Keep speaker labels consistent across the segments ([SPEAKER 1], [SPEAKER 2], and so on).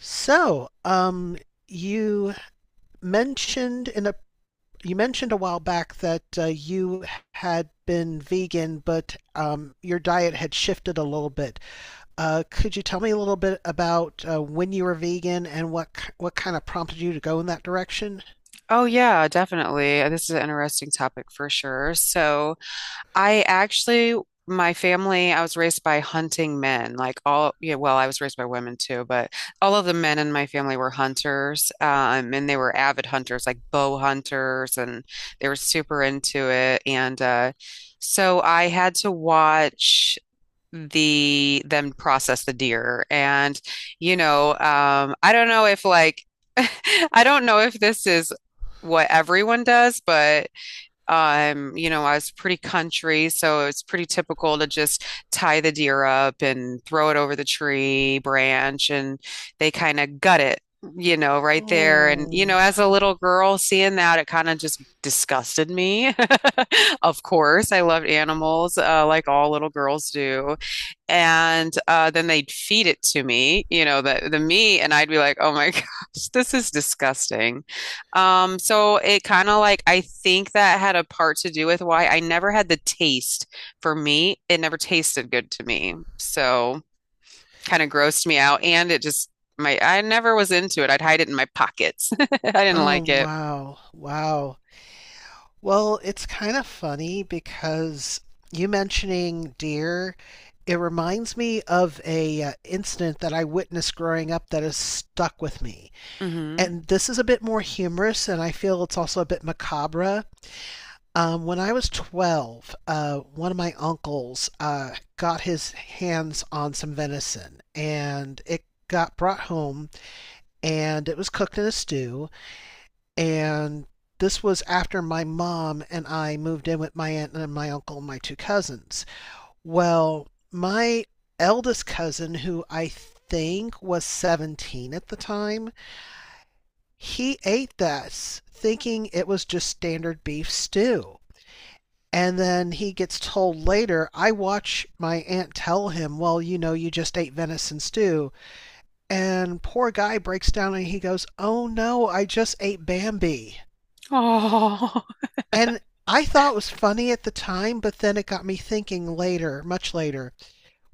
[SPEAKER 1] So, um, you mentioned in a you mentioned a while back that you had been vegan, but your diet had shifted a little bit. Could you tell me a little bit about when you were vegan and what kind of prompted you to go in that direction?
[SPEAKER 2] Oh, yeah, definitely. This is an interesting topic for sure. So, I actually, my family, I was raised by hunting men. Like all, yeah, well, I was raised by women too, but all of the men in my family were hunters. And they were avid hunters, like bow hunters, and they were super into it. And so I had to watch them process the deer. And, I don't know if like I don't know if this is what everyone does, but you know, I was pretty country, so it's pretty typical to just tie the deer up and throw it over the tree branch and they kind of gut it, you know, right there. And, you know,
[SPEAKER 1] Oh,
[SPEAKER 2] as a little girl seeing that, it kind of just disgusted me. Of course, I loved animals, like all little girls do and then they'd feed it to me, you know, the meat, and I'd be like, "Oh my gosh, this is disgusting." So it kind of like I think that had a part to do with why I never had the taste for meat. It never tasted good to me, so kind of grossed me out, and it just my I never was into it. I'd hide it in my pockets. I didn't
[SPEAKER 1] oh,
[SPEAKER 2] like it.
[SPEAKER 1] wow, wow. Well, it's kind of funny because you mentioning deer, it reminds me of a incident that I witnessed growing up that has stuck with me.
[SPEAKER 2] Hmm.
[SPEAKER 1] And this is a bit more humorous, and I feel it's also a bit macabre. When I was 12, one of my uncles got his hands on some venison, and it got brought home, and it was cooked in a stew. And this was after my mom and I moved in with my aunt and my uncle and my two cousins. Well, my eldest cousin, who I think was 17 at the time, he ate this thinking it was just standard beef stew. And then he gets told later, I watch my aunt tell him, "Well, you know, you just ate venison stew." And poor guy breaks down and he goes, "Oh no, I just ate Bambi."
[SPEAKER 2] Oh,
[SPEAKER 1] And I thought it was funny at the time, but then it got me thinking later, much later,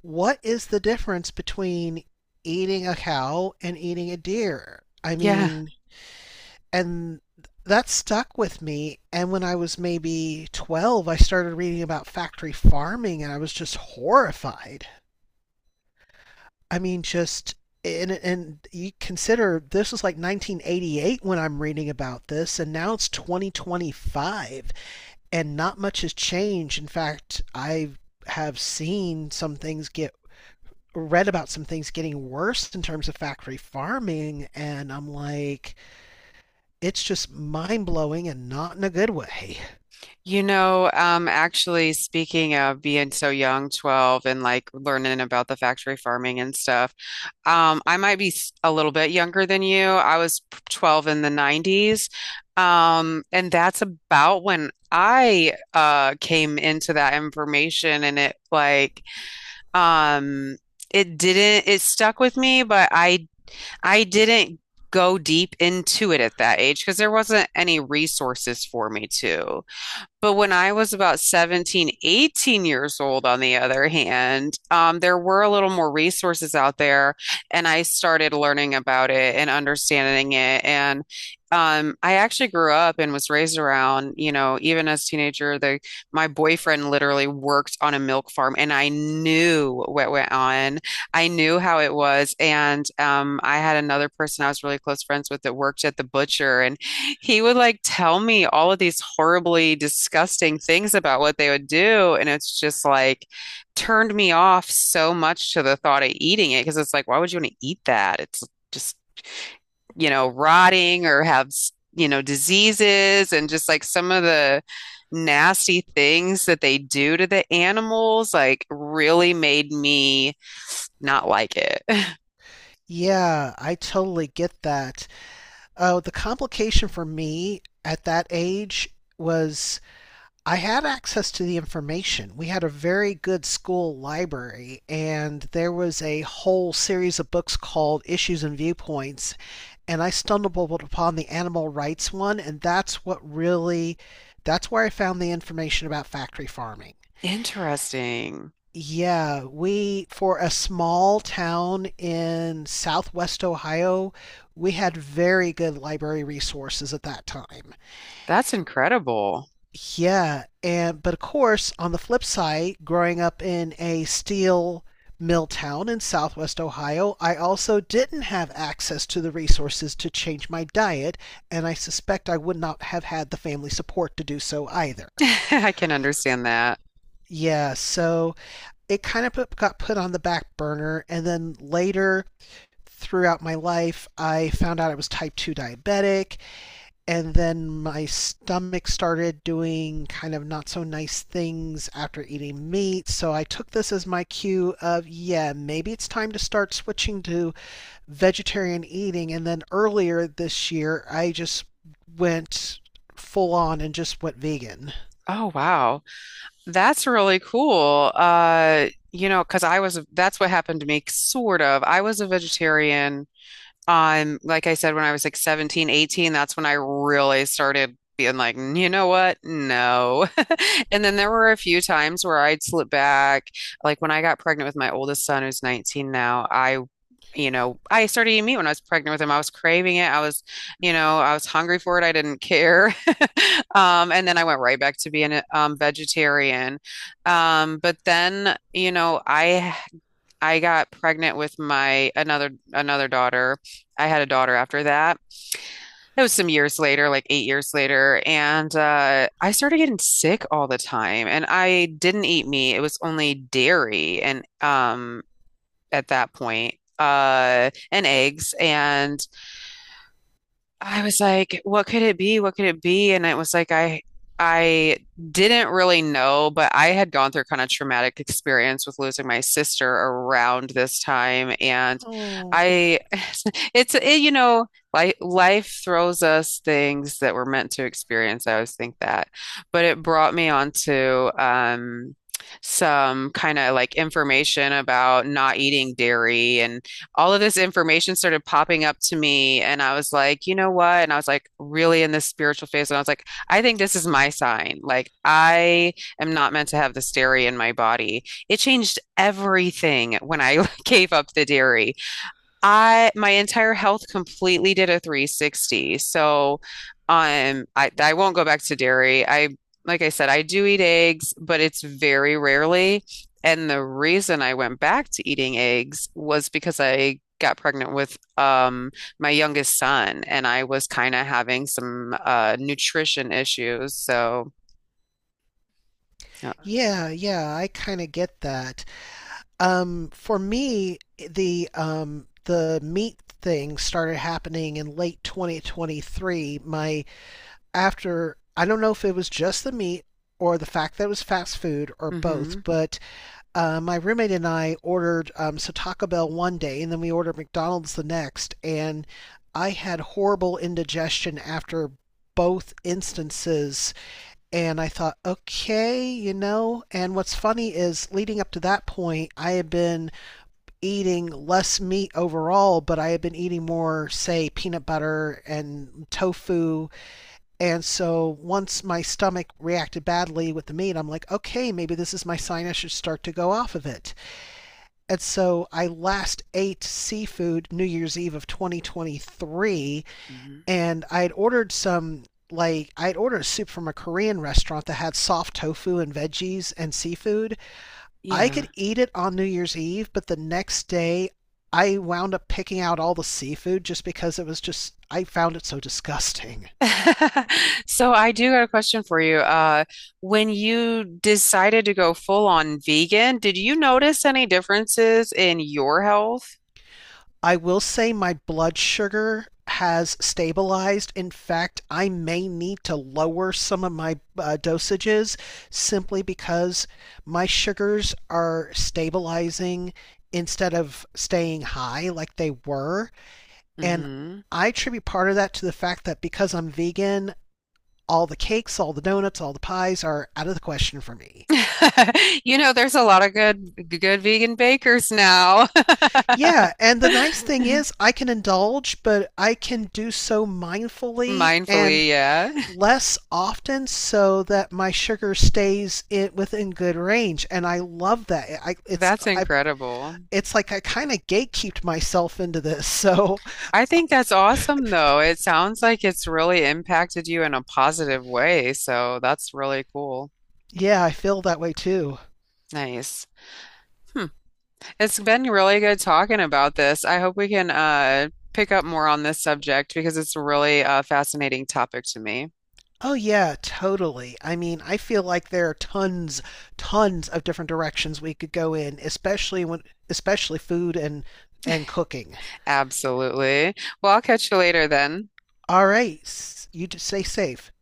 [SPEAKER 1] what is the difference between eating a cow and eating a deer? I
[SPEAKER 2] yeah.
[SPEAKER 1] mean, and that stuck with me. And when I was maybe 12, I started reading about factory farming and I was just horrified. I mean, just and you consider this was like 1988 when I'm reading about this, and now it's 2025. And not much has changed. In fact, I have seen some things get, read about some things getting worse in terms of factory farming and I'm like it's just mind-blowing and not in a good way.
[SPEAKER 2] You know, actually, speaking of being so young, 12, and like learning about the factory farming and stuff, I might be a little bit younger than you. I was 12 in the 90s. And that's about when I came into that information and it like um it didn't it stuck with me, but I didn't go deep into it at that age because there wasn't any resources for me to. But when I was about 17, 18 years old, on the other hand, there were a little more resources out there, and I started learning about it and understanding it. And I actually grew up and was raised around, you know, even as a teenager, the my boyfriend literally worked on a milk farm, and I knew what went on. I knew how it was, and I had another person I was really close friends with that worked at the butcher, and he would like tell me all of these horribly disgusting things about what they would do. And it's just like turned me off so much to the thought of eating it because it's like, why would you want to eat that? It's just, you know, rotting or have, you know, diseases and just like some of the nasty things that they do to the animals, like really made me not like it.
[SPEAKER 1] Yeah, I totally get that. Oh, the complication for me at that age was I had access to the information. We had a very good school library, and there was a whole series of books called Issues and Viewpoints. And I stumbled upon the animal rights one, and that's what really, that's where I found the information about factory farming.
[SPEAKER 2] Interesting.
[SPEAKER 1] Yeah, we, for a small town in southwest Ohio, we had very good library resources at that time.
[SPEAKER 2] That's incredible.
[SPEAKER 1] Yeah, and but of course, on the flip side, growing up in a steel mill town in southwest Ohio, I also didn't have access to the resources to change my diet, and I suspect I would not have had the family support to do so either.
[SPEAKER 2] I can understand that.
[SPEAKER 1] Yeah, so it kind of put, got put on the back burner, and then later throughout my life, I found out I was type 2 diabetic, and then my stomach started doing kind of not so nice things after eating meat. So I took this as my cue of, yeah, maybe it's time to start switching to vegetarian eating. And then earlier this year, I just went full on and just went vegan.
[SPEAKER 2] Oh, wow. That's really cool. You know, because that's what happened to me, sort of. I was a vegetarian like I said, when I was like 17, 18, that's when I really started being like, "Mm, you know what? No." And then there were a few times where I'd slip back. Like when I got pregnant with my oldest son, who's 19 now, you know, I started eating meat when I was pregnant with him. I was craving it. I was, you know, I was hungry for it. I didn't care. And then I went right back to being a vegetarian. But then, you know, I got pregnant with my another another daughter. I had a daughter after that. It was some years later, like 8 years later, and I started getting sick all the time. And I didn't eat meat; it was only dairy, and at that point, and eggs. And I was like, what could it be? What could it be? And it was like I didn't really know, but I had gone through kind of traumatic experience with losing my sister around this time. And
[SPEAKER 1] Oh,
[SPEAKER 2] I you know, like life throws us things that we're meant to experience. I always think that. But it brought me onto some kind of like information about not eating dairy. All of this information started popping up to me. And I was like, you know what? And I was like, really in this spiritual phase. And I was like, I think this is my sign. Like, I am not meant to have this dairy in my body. It changed everything when I gave up the dairy. I my entire health completely did a 360. So I won't go back to dairy. I like I said, I do eat eggs, but it's very rarely. And the reason I went back to eating eggs was because I got pregnant with my youngest son and I was kind of having some nutrition issues. So uh,
[SPEAKER 1] yeah, yeah, I kind of get that. For me, the meat thing started happening in late 2023. My, after, I don't know if it was just the meat or the fact that it was fast food or
[SPEAKER 2] mhm,
[SPEAKER 1] both, but my roommate and I ordered Taco Bell one day and then we ordered McDonald's the next, and I had horrible indigestion after both instances. And I thought, okay, you know. And what's funny is leading up to that point, I had been eating less meat overall, but I had been eating more, say, peanut butter and tofu and so once my stomach reacted badly with the meat, I'm like, okay, maybe this is my sign I should start to go off of it. And so I last ate seafood New Year's Eve of 2023,
[SPEAKER 2] mhm.
[SPEAKER 1] and I had ordered some. Like, I'd ordered a soup from a Korean restaurant that had soft tofu and veggies and seafood. I
[SPEAKER 2] Yeah.
[SPEAKER 1] could eat it on New Year's Eve, but the next day I wound up picking out all the seafood just because it was just, I found it so disgusting.
[SPEAKER 2] So I do got a question for you. When you decided to go full on vegan, did you notice any differences in your health?
[SPEAKER 1] I will say my blood sugar has stabilized. In fact, I may need to lower some of my dosages simply because my sugars are stabilizing instead of staying high like they were. And
[SPEAKER 2] Hmm.
[SPEAKER 1] I attribute part of that to the fact that because I'm vegan, all the cakes, all the donuts, all the pies are out of the question for me.
[SPEAKER 2] You know, there's a lot of good vegan bakers now.
[SPEAKER 1] Yeah, and the nice thing is I can indulge, but I can do so mindfully and
[SPEAKER 2] Mindfully, yeah.
[SPEAKER 1] less often so that my sugar stays in, within good range and I love that
[SPEAKER 2] That's incredible.
[SPEAKER 1] it's like I kind of gatekeeped myself into this so
[SPEAKER 2] I think that's awesome though. It sounds like it's really impacted you in a positive way, so that's really cool.
[SPEAKER 1] yeah I feel that way too.
[SPEAKER 2] Nice. Hmm. It's been really good talking about this. I hope we can pick up more on this subject because it's a really fascinating topic to me.
[SPEAKER 1] Oh yeah, totally, I mean I feel like there are tons of different directions we could go in especially food and cooking.
[SPEAKER 2] Absolutely. Well, I'll catch you later then.
[SPEAKER 1] All right, you just stay safe.